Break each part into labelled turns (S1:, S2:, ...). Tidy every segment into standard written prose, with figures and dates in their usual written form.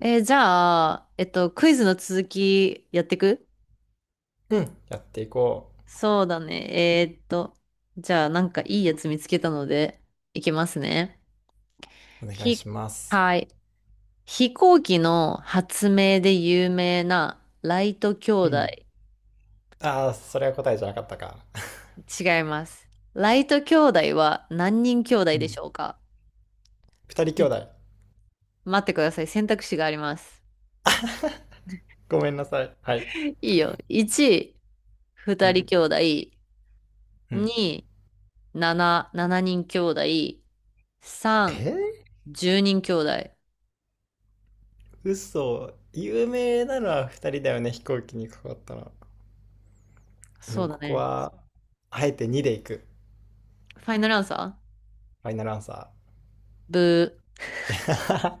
S1: じゃあ、クイズの続きやってく。
S2: うん。やっていこ
S1: そうだね。えーっと、じゃあ、なんかいいやつ見つけたので、いきますね。
S2: う。お願い
S1: ひ、
S2: します。
S1: はい。飛行機の発明で有名なライト兄
S2: う
S1: 弟。
S2: ん。ああ、それは答えじゃなかったか。
S1: 違います。ライト兄弟は何人兄弟
S2: う
S1: で
S2: ん。
S1: しょうか？
S2: 二人
S1: い
S2: 兄弟。
S1: 待ってください。選択肢があります。
S2: ごめんなさい。はい。
S1: いいよ。1、
S2: う
S1: 2人
S2: ん。
S1: 兄弟。
S2: うん。
S1: 2、7人兄弟。
S2: え
S1: 3、
S2: ー、
S1: 10人兄弟。
S2: 嘘。有名なのは二人だよね、飛行機にかかったの。で
S1: そ
S2: も
S1: うだ
S2: ここ
S1: ね。
S2: は、あえて2でいく。
S1: ファイナルアンサー。
S2: ファイナルアンサー。
S1: ブー。
S2: ちょっと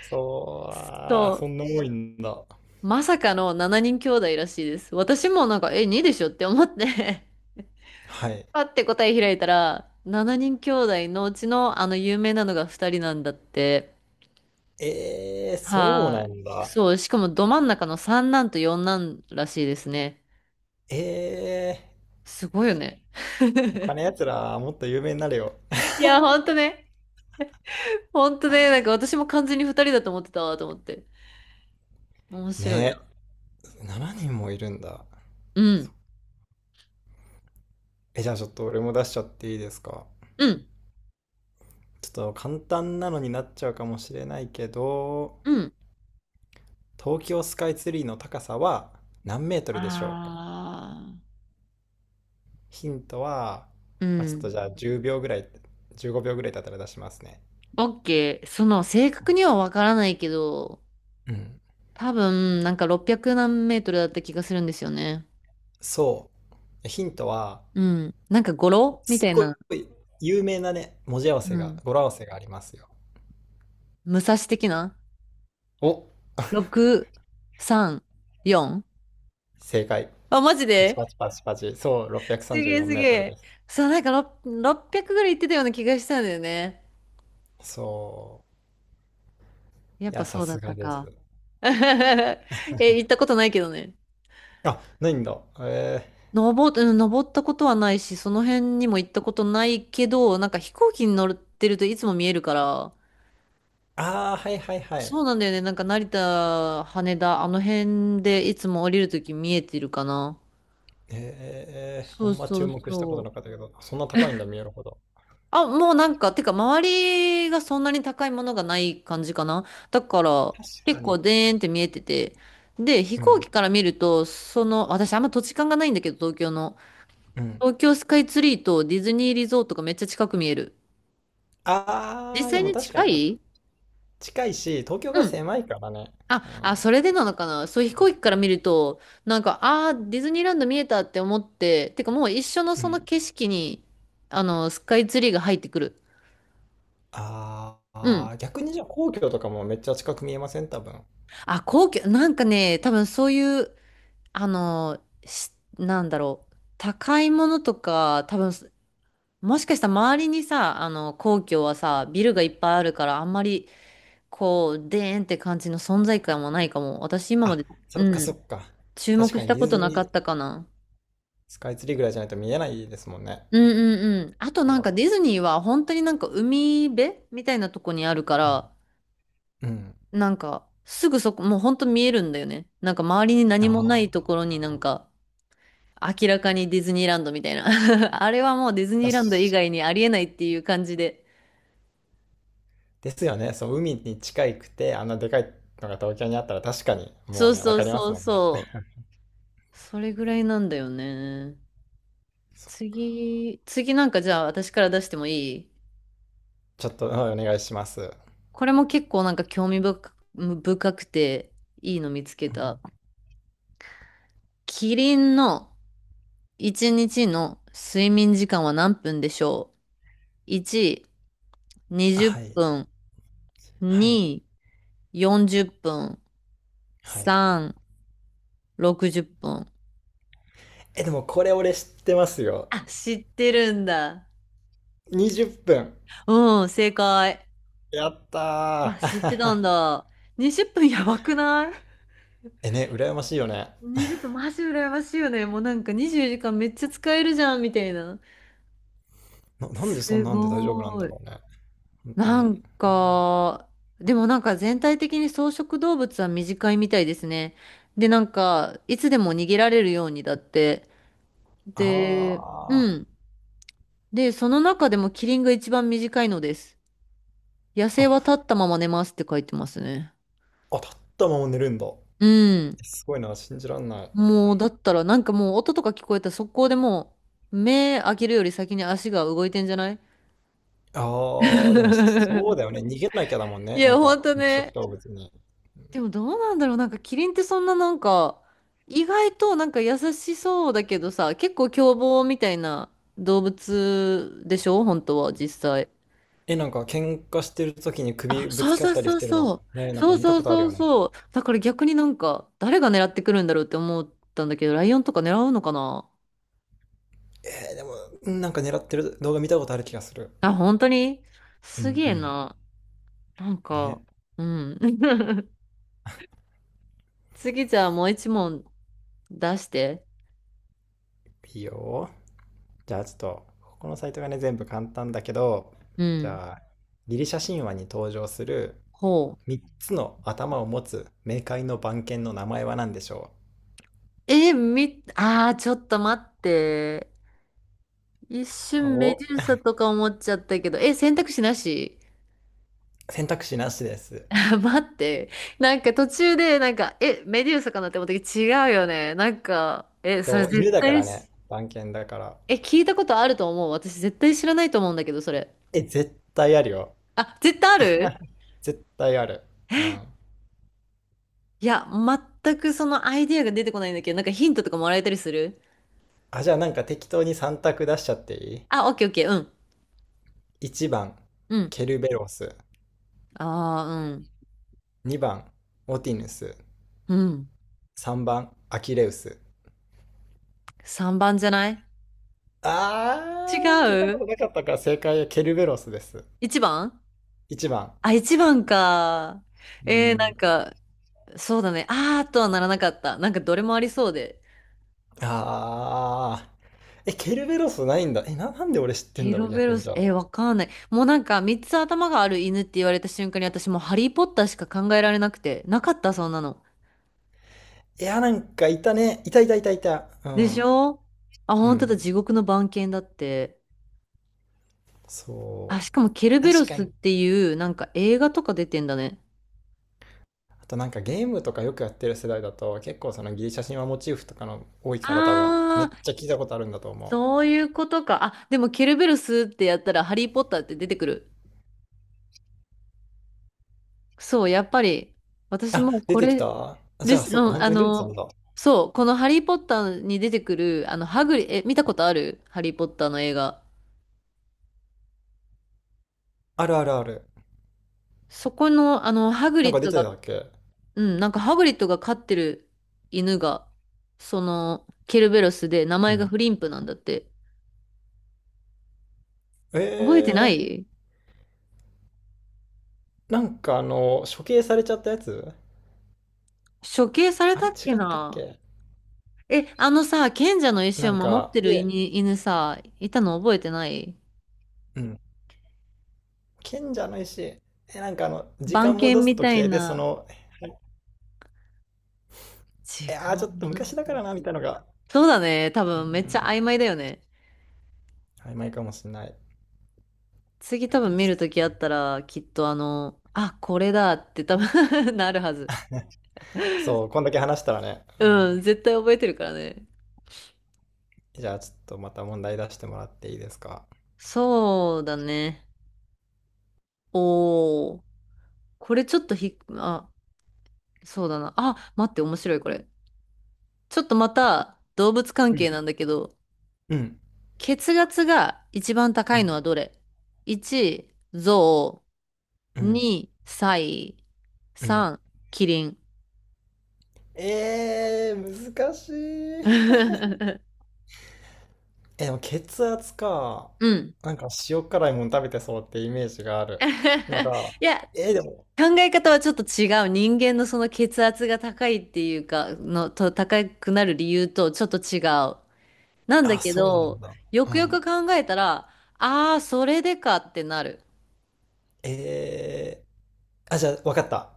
S2: そう、あー、
S1: そ
S2: そんな多いんだ。
S1: う。まさかの7人兄弟らしいです。私もなんか、2でしょって思って
S2: はい。
S1: パッて答え開いたら、7人兄弟のうちのあの有名なのが2人なんだって。
S2: そう
S1: は
S2: な
S1: い。
S2: んだ。
S1: そう。しかもど真ん中の三男と四男らしいですね。
S2: え、
S1: すごいよね。
S2: 他のやつらもっと有名になれよ。
S1: いや、ほんとね。ほんとね。なんか私も完全に2人だと思ってたわ、と思って。面 白い
S2: ね
S1: な。
S2: え、7人もいるんだ。
S1: うん。
S2: え、じゃあちょっと俺も出しちゃっていいですか。
S1: うん。
S2: ちょっと簡単なのになっちゃうかもしれないけど、
S1: うん。
S2: 東京スカイツリーの高さは何メートルでしょうか。
S1: ああ。
S2: ヒントは、
S1: う
S2: まあ、ちょっと
S1: ん。
S2: じゃあ10秒ぐらい、15秒ぐらいだったら出しますね。
S1: オッケー。その、正確にはわからないけど、
S2: うん。
S1: 多分、なんか600何メートルだった気がするんですよね。
S2: そう。ヒントは、
S1: うん。なんか語呂み
S2: す
S1: たい
S2: ご
S1: な。
S2: い有名なね、文字合わせ
S1: う
S2: が、
S1: ん。
S2: 語呂合わせがありますよ。
S1: 武蔵的な？
S2: お、
S1: 6、3、4？
S2: 正解。
S1: あ、マジ
S2: パチパ
S1: で
S2: チパチパチ。そう、634
S1: す
S2: メー
S1: げえす
S2: ト
S1: げ
S2: ル
S1: え。
S2: です。
S1: そう、なんか6 600ぐらい行ってたような気がしたんだよね。
S2: そう。
S1: やっ
S2: い
S1: ぱ
S2: や、さ
S1: そうだ
S2: す
S1: っ
S2: が
S1: た
S2: です。
S1: か。行ったことないけどね。
S2: あ、ないんだ。
S1: うん、登ったことはないし、その辺にも行ったことないけど、なんか飛行機に乗ってるといつも見えるから、
S2: ああ、はいはいはい。
S1: そうなんだよね。なんか成田、羽田、あの辺でいつも降りるとき見えてるかな。
S2: あ
S1: そう
S2: んま
S1: そ
S2: 注
S1: う
S2: 目したこ
S1: そ
S2: とな
S1: う。
S2: かったけど、そんな高いんだ、見えるほど。
S1: あ、もうなんか、てか周りがそんなに高いものがない感じかな。だから、
S2: 確
S1: 結
S2: か
S1: 構
S2: に。
S1: でーんって見えてて。で、飛
S2: う
S1: 行
S2: ん。
S1: 機から見ると、その、私あんま土地勘がないんだけど、東京の。
S2: うん。
S1: 東京スカイツリーとディズニーリゾートがめっちゃ近く見える。実
S2: ああ、で
S1: 際
S2: も
S1: に
S2: 確か
S1: 近
S2: にな。
S1: い。
S2: 近いし、東京
S1: う
S2: が
S1: ん。
S2: 狭いからね。
S1: あ、
S2: う
S1: あ、
S2: ん。
S1: それでなのかな。そう、飛行機から見ると、なんか、ああ、ディズニーランド見えたって思って、てかもう一緒の
S2: う
S1: その
S2: ん。
S1: 景色に、あの、スカイツリーが入ってくる。
S2: あ
S1: うん。
S2: あ、逆にじゃあ皇居とかもめっちゃ近く見えません多分。
S1: あ、皇居、なんかね、多分そういう、あの、なんだろう、高いものとか、多分、もしかしたら周りにさ、あの、皇居はさ、ビルがいっぱいあるから、あんまり、こう、でーんって感じの存在感もないかも。私今ま
S2: あ、
S1: で、
S2: そっか
S1: う
S2: そ
S1: ん。
S2: っか。
S1: 注
S2: 確
S1: 目
S2: か
S1: し
S2: に
S1: た
S2: デ
S1: こ
S2: ィズ
S1: となか
S2: ニ
S1: った
S2: ー
S1: かな。
S2: スカイツリーぐらいじゃないと見えないですもんね。
S1: うんうんうん。あとなんかディズニーは本当になんか海辺みたいなとこにあるから、
S2: うん。
S1: なんかすぐそこ、もう本当見えるんだよね。なんか周りに
S2: あ
S1: 何もないと
S2: あ。
S1: ころになんか明らかにディズニーランドみたいな。あれはもうディズニ
S2: だ
S1: ーランド以
S2: し
S1: 外にありえないっていう感じで。
S2: ですよね。そう、海に近いくて、あんなでかいのが東京にあったら確かに、も
S1: そ
S2: う
S1: う
S2: ね、わ
S1: そう
S2: かりま
S1: そ
S2: す
S1: う
S2: もんね。
S1: そう。それぐらいなんだよね。
S2: そう、
S1: 次なんかじゃあ私から出してもいい？
S2: ちょっと、うん、お願いします。う
S1: これも結構なんか興味深く深くていいの見つけた。
S2: ん。
S1: キリンの1日の睡眠時間は何分でしょう？ 1、20
S2: はい。
S1: 分。
S2: はい。
S1: 2、40分。
S2: はい。
S1: 3、60分。
S2: え、でもこれ俺知ってますよ。
S1: あ、知ってるんだ。
S2: 20分。
S1: うん、正解。
S2: やった
S1: あ、知ってた
S2: ー。
S1: んだ。20分やばくない？
S2: え、ね、羨ましいよね。
S1: 20 分マジ羨ましいよね。もうなんか24時間めっちゃ使えるじゃん、みたいな。
S2: なんでそ
S1: す
S2: んなんで大丈夫なん
S1: ご
S2: だ
S1: い。
S2: ろうね。本当
S1: な
S2: に。
S1: んか、でもなんか全体的に草食動物は短いみたいですね。で、なんか、いつでも逃げられるようにだって。で、
S2: あ
S1: うん。で、その中でもキリンが一番短いのです。野
S2: ー。
S1: 生
S2: あ、
S1: は立ったまま寝ますって書いてますね。
S2: あ、立ったまま寝るんだ。え、
S1: うん。
S2: すごいな、信じらんない。
S1: もう、だったら、なんかもう音とか聞こえたら速攻でもう、目開けるより先に足が動いてんじゃない？
S2: ああ、でもそう だよね。逃げなきゃだもん
S1: い
S2: ね。な
S1: や、
S2: ん
S1: ほ
S2: か、
S1: んと
S2: 肉食
S1: ね。
S2: 動物に。
S1: でもどうなんだろう、なんかキリンってそんななんか、意外となんか優しそうだけどさ、結構凶暴みたいな動物でしょ、本当は実際。
S2: え、なんか、喧嘩してる時に
S1: あ、
S2: 首ぶ
S1: そ
S2: つ
S1: う
S2: かっ
S1: そう
S2: たり
S1: そ
S2: し
S1: う
S2: てる
S1: そ
S2: の。
S1: う。
S2: ね、なん
S1: そ
S2: か
S1: う
S2: 見た
S1: そう
S2: ことある
S1: そ
S2: よ
S1: う
S2: ね。
S1: そう。だから逆になんか誰が狙ってくるんだろうって思ったんだけど、ライオンとか狙うのかな？
S2: でも、うん。なんか狙ってる動画見たことある気がする。
S1: あ、本当に、
S2: う
S1: す
S2: ん
S1: げ
S2: う
S1: え
S2: ん。
S1: な。なん
S2: ね。
S1: か、うん。次じゃあもう一問出して。
S2: いいよ。じゃあちょっと、ここのサイトがね、全部簡単だけど、
S1: う
S2: じ
S1: ん。
S2: ゃあ、ギリシャ神話に登場する
S1: ほう。
S2: 3つの頭を持つ冥界の番犬の名前は何でしょ
S1: ああ、ちょっと待って。一
S2: う？
S1: 瞬メ
S2: お、
S1: デューサとか思っちゃったけど、選択肢なし？
S2: 選択肢なしです。
S1: 待って。なんか途中で、なんか、メデューサかなって思ったけど、違うよね。なんか、それ
S2: そう、犬
S1: 絶
S2: だか
S1: 対
S2: らね。番犬だから。
S1: 聞いたことあると思う。私絶対知らないと思うんだけど、それ。
S2: え、絶対あるよ。
S1: あ、絶対ある。
S2: 絶対ある。うん。
S1: いや、全くそのアイディアが出てこないんだけど、なんかヒントとかもらえたりする？
S2: あ、じゃあなんか適当に3択出しちゃっていい？
S1: あ、オッケーオッケー、うん。
S2: 1 番、
S1: うん。
S2: ケルベロス。
S1: ああ、うん。
S2: 2番、オティヌス。
S1: うん。
S2: 3番、アキレウス。
S1: 3番じゃない？違
S2: あー、聞いたこ
S1: う？
S2: となかったから正解はケルベロスです。
S1: 1 番？
S2: 1番。
S1: あ、一番か。
S2: う
S1: なん
S2: ん。
S1: か、そうだね。あーとはならなかった。なんかどれもありそうで。
S2: あー。え、ケルベロスないんだ。え、なんで俺知ってん
S1: ケ
S2: だろ
S1: ロ
S2: う、
S1: ベ
S2: 逆
S1: ロ
S2: に
S1: ス、
S2: じゃあ。
S1: わかんない。もうなんか、三つ頭がある犬って言われた瞬間に私もうハリーポッターしか考えられなくて。なかった、そんなの。
S2: いや、なんかいたね。いたいたいたいた。う
S1: で
S2: ん。
S1: しょ？あ、
S2: う
S1: 本当だ、
S2: ん。
S1: 地獄の番犬だって。あ、
S2: そ
S1: しかもケル
S2: う。
S1: ベロ
S2: 確か
S1: スっ
S2: に。
S1: ていう、なんか映画とか出てんだね。
S2: あとなんかゲームとかよくやってる世代だと結構そのギリシャ神話モチーフとかの多いから多分
S1: あ
S2: めっ
S1: ー、
S2: ちゃ聞いたことあるんだと思う。
S1: そういうことか。あ、でもケルベロスってやったらハリーポッターって出てくる。そう、やっぱり、私
S2: あ、
S1: も
S2: 出
S1: こ
S2: てき
S1: れ
S2: た、あ、じ
S1: で
S2: ゃあ
S1: す。うん、
S2: そっか、本
S1: あ
S2: 当に出てたん
S1: の、
S2: だ。
S1: そう、このハリー・ポッターに出てくる、あの、ハグリ、え、見たことあるハリー・ポッターの映画。
S2: あるあるある。
S1: そこの、あの、ハグ
S2: なん
S1: リ
S2: か
S1: ッ
S2: 出
S1: ド
S2: て
S1: が、
S2: たっけ？
S1: うん、なんかハグリッドが飼ってる犬が、その、ケルベロスで、名
S2: う
S1: 前が
S2: ん。
S1: フリンプなんだって。覚えてな
S2: え
S1: い？
S2: なんかあの処刑されちゃったやつ、
S1: 処刑され
S2: あ
S1: た
S2: れ
S1: っけ
S2: 違ったっ
S1: な？
S2: け？
S1: え、あのさ、賢者の石
S2: な
S1: を
S2: ん
S1: 守っ
S2: か
S1: てる
S2: で、
S1: 犬、さ、いたの覚えてない？
S2: うん。賢者の石。え、なんかあの時
S1: 番
S2: 間
S1: 犬
S2: 戻す
S1: みた
S2: 時
S1: い
S2: 計でそ
S1: な。
S2: の、い
S1: 時
S2: やー、
S1: 間
S2: ち
S1: を
S2: ょっと
S1: 戻
S2: 昔
S1: す
S2: だ
S1: と
S2: からなみ
S1: き。
S2: たいなのが、
S1: そうだね。多
S2: うんう
S1: 分めっちゃ
S2: ん。
S1: 曖昧だよね。
S2: 曖昧かもしれない。
S1: 次多分見るときあったら、きっとあの、あ、これだって多分 なるはず。
S2: そう、こんだけ話したらね。うん、
S1: うん、絶対覚えてるからね。
S2: じゃあ、ちょっとまた問題出してもらっていいですか。
S1: そうだね。おー。これちょっとあ、そうだな。あ、待って、面白いこれ。ちょっとまた動物関
S2: うん。
S1: 係なんだけど、
S2: うん。
S1: 血圧が一番高
S2: う
S1: い
S2: ん。
S1: のはどれ？ 1、ゾ
S2: う
S1: ウ。
S2: ん。
S1: 2、サイ。
S2: うん。
S1: 3、キリン。
S2: 難しい。え、でも血圧か。
S1: うん。
S2: なんか塩辛いもん食べてそうってイメージがあるのが、
S1: いや、
S2: でも、
S1: 考え方はちょっと違う。人間のその血圧が高いっていうか、高くなる理由とちょっと違う。なんだ
S2: あ、
S1: け
S2: そうなん
S1: ど、
S2: だ。
S1: よ
S2: う
S1: くよ
S2: ん。
S1: く考えたら、ああ、それでかってなる。
S2: えあ、じゃあ、わかった。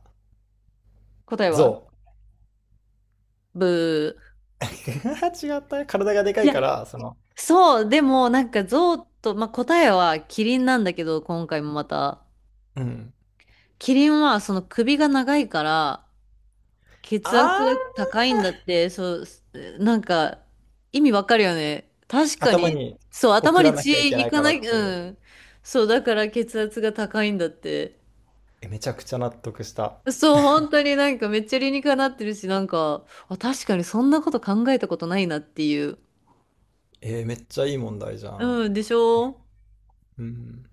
S1: 答えは？
S2: 象。
S1: ブー。
S2: 違った。体がでか
S1: い
S2: い
S1: や、
S2: から、その、
S1: そう、でもなんか象と、まあ、答えはキリンなんだけど、今回もまた。
S2: うん。
S1: キリンはその首が長いから、血
S2: あ
S1: 圧が
S2: ー、
S1: 高いんだって、そう、なんか、意味わかるよね。確か
S2: 頭
S1: に、
S2: に
S1: そう、頭
S2: 送ら
S1: に
S2: な
S1: 血
S2: きゃいけ
S1: い
S2: ない
S1: か
S2: か
S1: な
S2: らっ
S1: い、
S2: ていう。
S1: うん。そう、だから血圧が高いんだって。
S2: え、めちゃくちゃ納得した。
S1: そう、本当になんかめっちゃ理にかなってるし、なんか、あ、確かにそんなこと考えたことないなっていう。
S2: めっちゃいい問題じゃん。
S1: うん、でしょ？
S2: うん。